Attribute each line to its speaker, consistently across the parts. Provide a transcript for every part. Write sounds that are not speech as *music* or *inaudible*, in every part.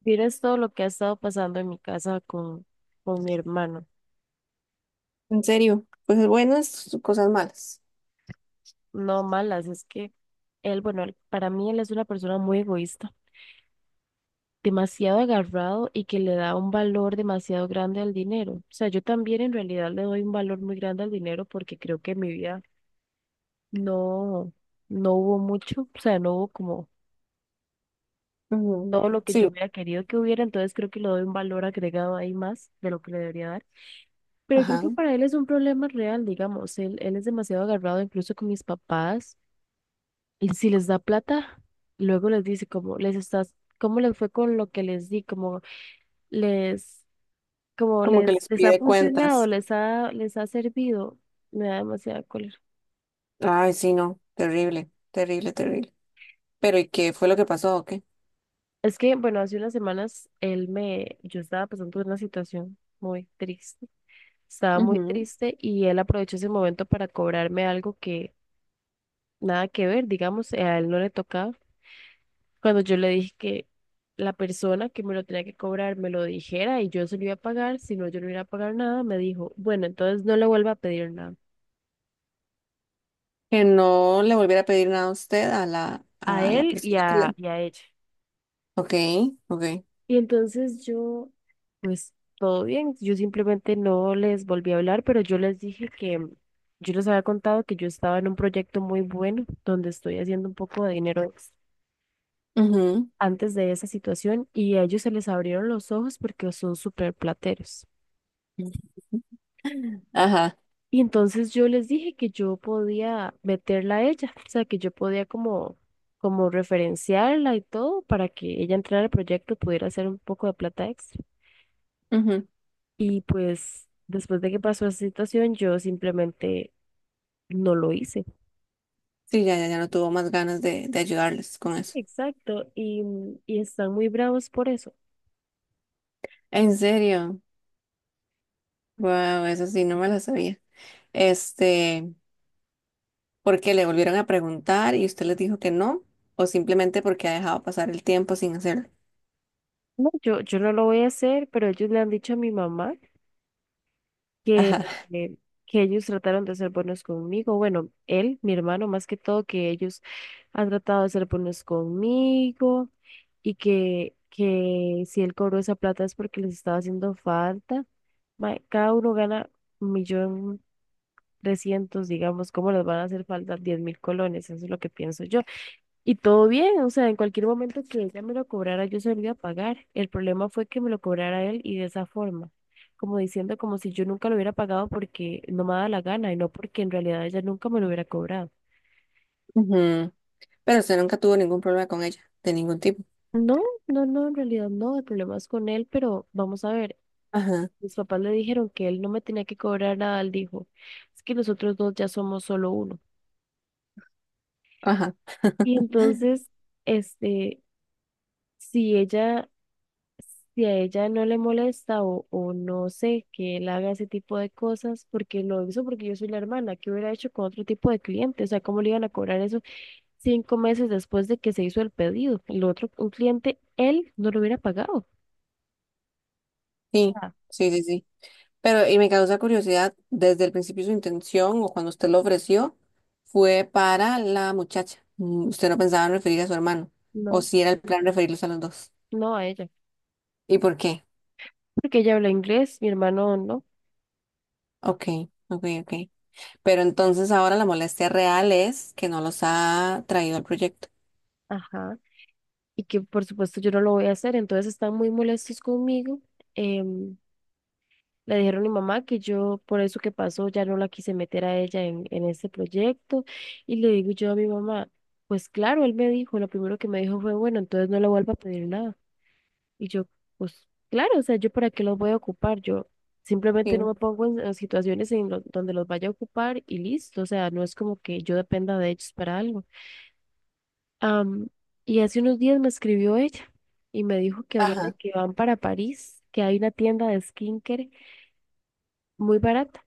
Speaker 1: Vieras todo lo que ha estado pasando en mi casa con mi hermano.
Speaker 2: En serio, cosas buenas, cosas malas.
Speaker 1: No malas, es que para mí él es una persona muy egoísta, demasiado agarrado y que le da un valor demasiado grande al dinero. O sea, yo también en realidad le doy un valor muy grande al dinero porque creo que en mi vida no, no hubo mucho, o sea, no hubo como
Speaker 2: Ujú.
Speaker 1: todo lo que yo
Speaker 2: Sí,
Speaker 1: hubiera querido que hubiera, entonces creo que le doy un valor agregado ahí más de lo que le debería dar. Pero creo
Speaker 2: ajá.
Speaker 1: que para él es un problema real, digamos, él es demasiado agarrado incluso con mis papás y si les da plata, luego les dice como les estás, cómo les fue con lo que les di, les, como
Speaker 2: Como que
Speaker 1: les,
Speaker 2: les
Speaker 1: les ha
Speaker 2: pide
Speaker 1: funcionado,
Speaker 2: cuentas.
Speaker 1: les ha servido, me da demasiada cólera.
Speaker 2: Ay, sí, no. Terrible, terrible, terrible. Pero ¿y qué fue lo que pasó o qué?
Speaker 1: Es que, bueno, hace unas semanas yo estaba pasando por una situación muy triste, estaba muy
Speaker 2: Ujú.
Speaker 1: triste y él aprovechó ese momento para cobrarme algo que nada que ver, digamos, a él no le tocaba. Cuando yo le dije que la persona que me lo tenía que cobrar me lo dijera y yo se lo iba a pagar, si no yo no iba a pagar nada, me dijo, bueno, entonces no le vuelva a pedir nada
Speaker 2: Que no le volviera a pedir nada a usted a la,
Speaker 1: a
Speaker 2: a la
Speaker 1: él y
Speaker 2: persona que
Speaker 1: a,
Speaker 2: le...
Speaker 1: y a ella.
Speaker 2: Ok, ok.
Speaker 1: Y entonces yo, pues todo bien, yo simplemente no les volví a hablar, pero yo les dije que yo les había contado que yo estaba en un proyecto muy bueno donde estoy haciendo un poco de dinero extra
Speaker 2: Ujú.
Speaker 1: antes de esa situación y a ellos se les abrieron los ojos porque son súper plateros.
Speaker 2: Ajá.
Speaker 1: Y entonces yo les dije que yo podía meterla a ella, o sea, que yo podía como referenciarla y todo para que ella entrara al proyecto y pudiera hacer un poco de plata extra.
Speaker 2: Ujú.
Speaker 1: Y pues después de que pasó esa situación, yo simplemente no lo hice.
Speaker 2: Sí, ya, ya, ya no tuvo más ganas de ayudarles con
Speaker 1: Sí,
Speaker 2: eso.
Speaker 1: exacto. Y están muy bravos por eso.
Speaker 2: En serio. Wow, eso sí, no me la sabía. Este. Porque le volvieron a preguntar y usted les dijo que no, o simplemente porque ha dejado pasar el tiempo sin hacerlo.
Speaker 1: No, yo no lo voy a hacer, pero ellos le han dicho a mi mamá que,
Speaker 2: Ajá.
Speaker 1: eh, que ellos trataron de ser buenos conmigo. Bueno, él, mi hermano, más que todo, que ellos han tratado de ser buenos conmigo y que si él cobró esa plata es porque les estaba haciendo falta. Cada uno gana 1,300,000, digamos, ¿cómo les van a hacer falta 10,000 colones? Eso es lo que pienso yo. Y todo bien, o sea, en cualquier momento que ella me lo cobrara, yo se lo iba a pagar. El problema fue que me lo cobrara él y de esa forma, como diciendo como si yo nunca lo hubiera pagado porque no me daba la gana y no porque en realidad ella nunca me lo hubiera cobrado.
Speaker 2: Ujú. Pero usted nunca tuvo ningún problema con ella, de ningún tipo.
Speaker 1: No, no, no, en realidad no, el problema es con él, pero vamos a ver,
Speaker 2: Ajá,
Speaker 1: mis papás le dijeron que él no me tenía que cobrar nada, él dijo, es que nosotros dos ya somos solo uno.
Speaker 2: ajá.
Speaker 1: Y
Speaker 2: *laughs*
Speaker 1: entonces, este, si ella si a ella no le molesta o no sé que él haga ese tipo de cosas, porque lo hizo porque yo soy la hermana, ¿qué hubiera hecho con otro tipo de cliente? O sea, ¿cómo le iban a cobrar eso 5 meses después de que se hizo el pedido? El otro, un cliente, él no lo hubiera pagado. O
Speaker 2: Sí,
Speaker 1: sea,
Speaker 2: sí, sí, sí. Pero, y me causa curiosidad, desde el principio su intención o cuando usted lo ofreció fue para la muchacha. Usted no pensaba en referir a su hermano, o
Speaker 1: no,
Speaker 2: si era el plan referirlos a los dos.
Speaker 1: no a ella,
Speaker 2: ¿Y por qué?
Speaker 1: porque ella habla inglés, mi hermano no.
Speaker 2: Ok, ok, ok. Pero entonces ahora la molestia real es que no los ha traído al proyecto.
Speaker 1: Ajá. Y que por supuesto yo no lo voy a hacer, entonces están muy molestos conmigo. em, Le dijeron a mi mamá que yo, por eso que pasó, ya no la quise meter a ella en este proyecto. Y le digo yo a mi mamá, pues claro, él me dijo, lo primero que me dijo fue, bueno, entonces no le vuelva a pedir nada. Y yo, pues claro, o sea, yo para qué los voy a ocupar, yo simplemente no
Speaker 2: Sí.
Speaker 1: me pongo en situaciones donde los vaya a ocupar y listo, o sea, no es como que yo dependa de ellos para algo. Am, y hace unos días me escribió ella y me dijo que ahorita
Speaker 2: Ajá.
Speaker 1: que van para París, que hay una tienda de skincare muy barata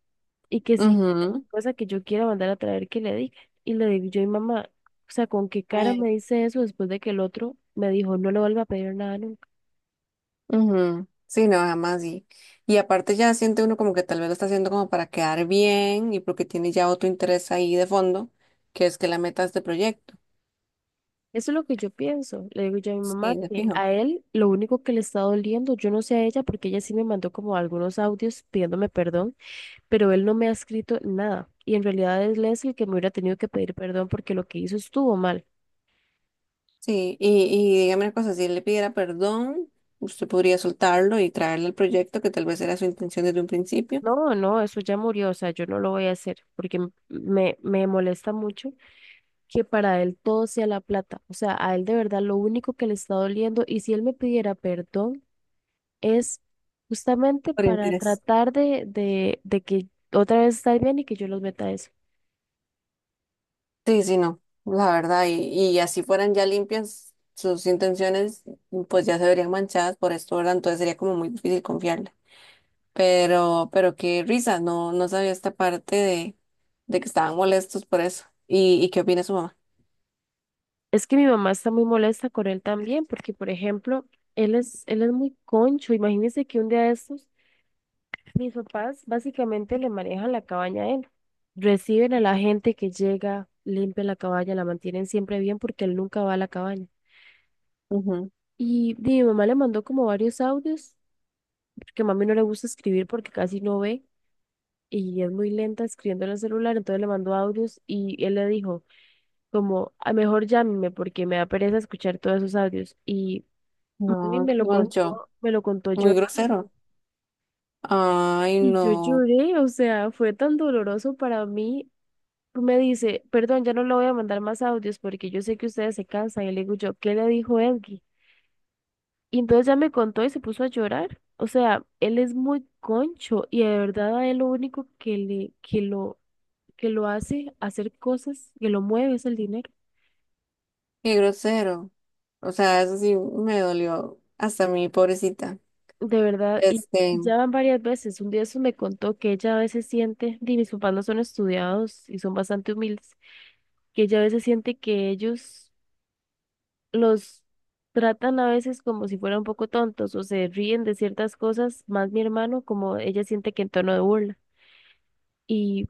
Speaker 1: y que si
Speaker 2: Ujú.
Speaker 1: cosa que yo quiera mandar a traer que le diga. Y le digo yo, y mamá, o sea, ¿con qué cara
Speaker 2: Ay,
Speaker 1: me dice eso después de que el otro me dijo no le vuelva a pedir nada nunca?
Speaker 2: Ujú, sí, no, jamás. Y aparte ya siente uno como que tal vez lo está haciendo como para quedar bien y porque tiene ya otro interés ahí de fondo, que es que la meta es de este proyecto.
Speaker 1: Eso es lo que yo pienso. Le digo yo a mi mamá
Speaker 2: Sí, de
Speaker 1: que
Speaker 2: fijo.
Speaker 1: a él lo único que le está doliendo, yo no sé a ella porque ella sí me mandó como algunos audios pidiéndome perdón, pero él no me ha escrito nada. Y en realidad es Leslie el que me hubiera tenido que pedir perdón porque lo que hizo estuvo mal.
Speaker 2: Sí, y dígame una cosa, si él le pidiera perdón, usted podría soltarlo y traerle el proyecto que tal vez era su intención desde un principio.
Speaker 1: No, no, eso ya murió, o sea, yo no lo voy a hacer porque me molesta mucho que para él todo sea la plata, o sea, a él de verdad lo único que le está doliendo y si él me pidiera perdón es justamente
Speaker 2: Por
Speaker 1: para
Speaker 2: interés.
Speaker 1: tratar de que otra vez estar bien y que yo los meta a eso.
Speaker 2: Sí, sí, no, la verdad, y así fueran ya limpias sus intenciones, pues ya se verían manchadas por esto, ¿verdad? Entonces sería como muy difícil confiarle. Pero qué risa, no, no sabía esta parte de que estaban molestos por eso. Y qué opina su mamá?
Speaker 1: Es que mi mamá está muy molesta con él también porque, por ejemplo, él es muy concho, imagínense que un día de estos... Mis papás básicamente le manejan la cabaña a él. Reciben a la gente que llega, limpian la cabaña, la mantienen siempre bien porque él nunca va a la cabaña.
Speaker 2: Ujú.
Speaker 1: Y di, mi mamá le mandó como varios audios, porque a mami no le gusta escribir porque casi no ve y es muy lenta escribiendo en el celular, entonces le mandó audios y él le dijo como, a mejor llámeme porque me da pereza escuchar todos esos audios. Y mami
Speaker 2: No, qué concho,
Speaker 1: me lo contó
Speaker 2: muy
Speaker 1: llorando.
Speaker 2: grosero. Ay,
Speaker 1: Y yo
Speaker 2: no,
Speaker 1: lloré, o sea, fue tan doloroso para mí. Me dice, perdón, ya no le voy a mandar más audios porque yo sé que ustedes se cansan. Y le digo yo, ¿qué le dijo Edgy? Y entonces ya me contó y se puso a llorar. O sea, él es muy concho y de verdad a él lo único que lo hace hacer cosas, que lo mueve es el dinero.
Speaker 2: qué grosero. O sea, eso sí me dolió hasta mi pobrecita.
Speaker 1: De verdad, y
Speaker 2: Este,
Speaker 1: ya van varias veces. Un día eso me contó que ella a veces siente, y mis papás no son estudiados y son bastante humildes, que ella a veces siente que ellos los tratan a veces como si fueran un poco tontos o se ríen de ciertas cosas, más mi hermano, como ella siente que en tono de burla. Y, o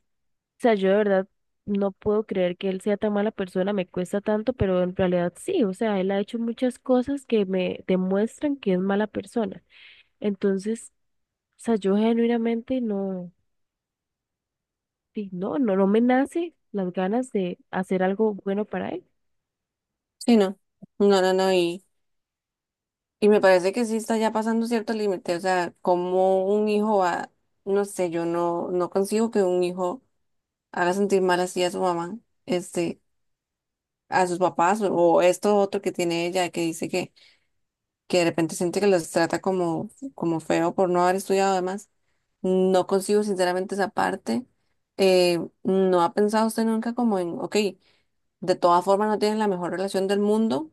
Speaker 1: sea, yo de verdad no puedo creer que él sea tan mala persona, me cuesta tanto, pero en realidad sí, o sea, él ha hecho muchas cosas que me demuestran que es mala persona. Entonces, o sea, yo genuinamente sí, no me nace las ganas de hacer algo bueno para él.
Speaker 2: sí, no, y... Y me parece que sí está ya pasando cierto límite, o sea, como un hijo va, no sé, yo no consigo que un hijo haga sentir mal así a su mamá, este, a sus papás, o esto otro que tiene ella, que dice que de repente siente que los trata como, como feo por no haber estudiado además. No consigo sinceramente esa parte. ¿No ha pensado usted nunca como en, ok, de todas formas no tienen la mejor relación del mundo,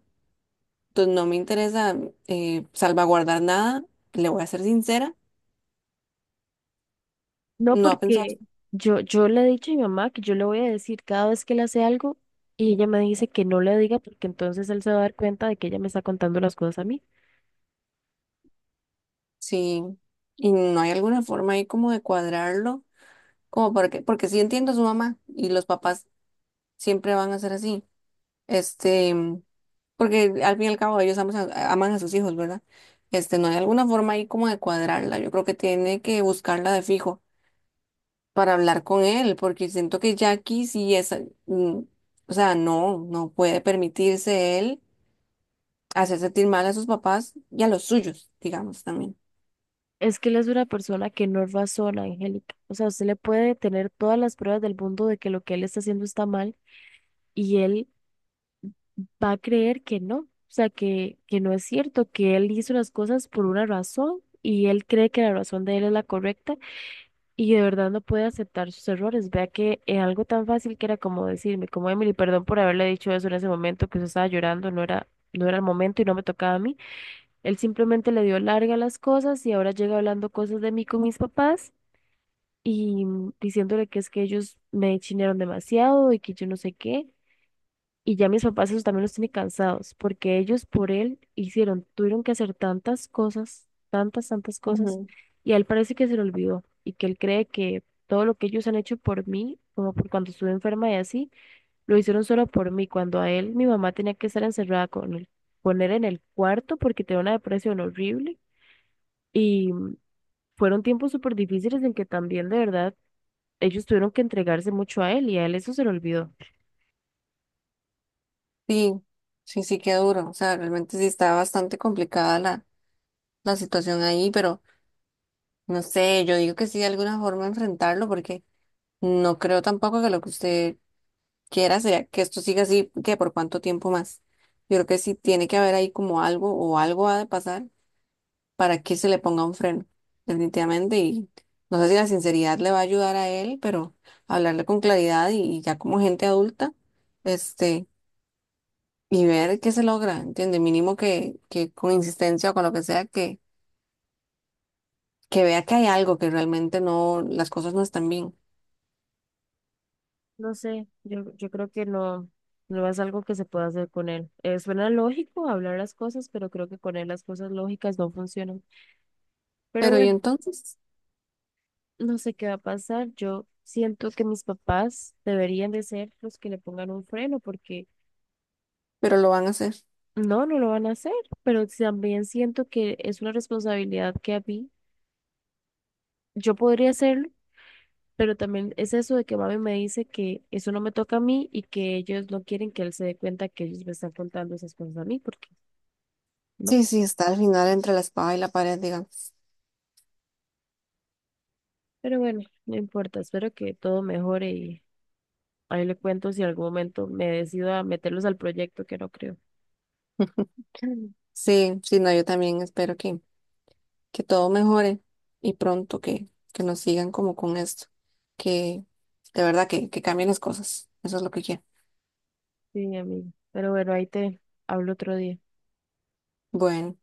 Speaker 2: entonces no me interesa salvaguardar nada, le voy a ser sincera.
Speaker 1: No,
Speaker 2: No ha pensado,
Speaker 1: porque yo le he dicho a mi mamá que yo le voy a decir cada vez que le hace algo y ella me dice que no le diga porque entonces él se va a dar cuenta de que ella me está contando las cosas a mí.
Speaker 2: sí. Y no hay alguna forma ahí como de cuadrarlo, como porque sí entiendo a su mamá y los papás siempre van a ser así. Este, porque al fin y al cabo ellos aman aman a sus hijos, ¿verdad? No hay alguna forma ahí como de cuadrarla. Yo creo que tiene que buscarla de fijo para hablar con él, porque siento que Jackie sí es, mm, o sea, no, no puede permitirse él hacer sentir mal a sus papás y a los suyos, digamos también.
Speaker 1: Es que él es una persona que no razona, Angélica. O sea, usted le puede tener todas las pruebas del mundo de que lo que él está haciendo está mal y él va a creer que no. O sea, que no es cierto, que él hizo las cosas por una razón y él cree que la razón de él es la correcta. Y de verdad no puede aceptar sus errores. Vea que es algo tan fácil que era como decirme, como Emily, perdón por haberle dicho eso en ese momento, que usted estaba llorando, no era el momento y no me tocaba a mí. Él simplemente le dio larga a las cosas y ahora llega hablando cosas de mí con mis papás y diciéndole que es que ellos me chinearon demasiado y que yo no sé qué. Y ya mis papás eso también los tiene cansados, porque ellos por él hicieron, tuvieron que hacer tantas cosas, tantas cosas, y a él parece que se le olvidó, y que él cree que todo lo que ellos han hecho por mí, como por cuando estuve enferma y así, lo hicieron solo por mí, cuando a él mi mamá tenía que estar encerrada con él, poner en el cuarto porque tenía una depresión horrible, y fueron tiempos súper difíciles en que también de verdad ellos tuvieron que entregarse mucho a él, y a él eso se le olvidó.
Speaker 2: Sí, sí, sí, qué duro. O sea, realmente sí está bastante complicada la situación ahí, pero no sé, yo digo que sí de alguna forma enfrentarlo, porque no creo tampoco que lo que usted quiera sea que esto siga así, que por cuánto tiempo más. Yo creo que sí tiene que haber ahí como algo o algo ha de pasar para que se le ponga un freno, definitivamente. Y no sé si la sinceridad le va a ayudar a él, pero hablarle con claridad y ya como gente adulta, este y ver qué se logra, ¿entiendes? Mínimo que con insistencia o con lo que sea, que vea que hay algo, que realmente no, las cosas no están bien.
Speaker 1: No sé, yo creo que no es algo que se pueda hacer con él. Suena lógico hablar las cosas, pero creo que con él las cosas lógicas no funcionan. Pero
Speaker 2: Pero ¿y
Speaker 1: bueno,
Speaker 2: entonces?
Speaker 1: no sé qué va a pasar. Yo siento que mis papás deberían de ser los que le pongan un freno, porque
Speaker 2: Pero lo van a hacer.
Speaker 1: no lo van a hacer, pero también siento que es una responsabilidad que a mí, yo podría hacerlo, pero también es eso de que mami me dice que eso no me toca a mí y que ellos no quieren que él se dé cuenta que ellos me están contando esas cosas a mí, porque... ¿no?
Speaker 2: Sí, sí, está al final entre la espada y la pared, digamos.
Speaker 1: Pero bueno, no importa, espero que todo mejore y ahí le cuento si en algún momento me decido a meterlos al proyecto, que no creo.
Speaker 2: Sí, sí, no, yo también espero que todo mejore y pronto que nos sigan como con esto, que de verdad que cambien las cosas. Eso es lo que quiero.
Speaker 1: Sí, amigo. Pero bueno, ahí te hablo otro día.
Speaker 2: Bueno.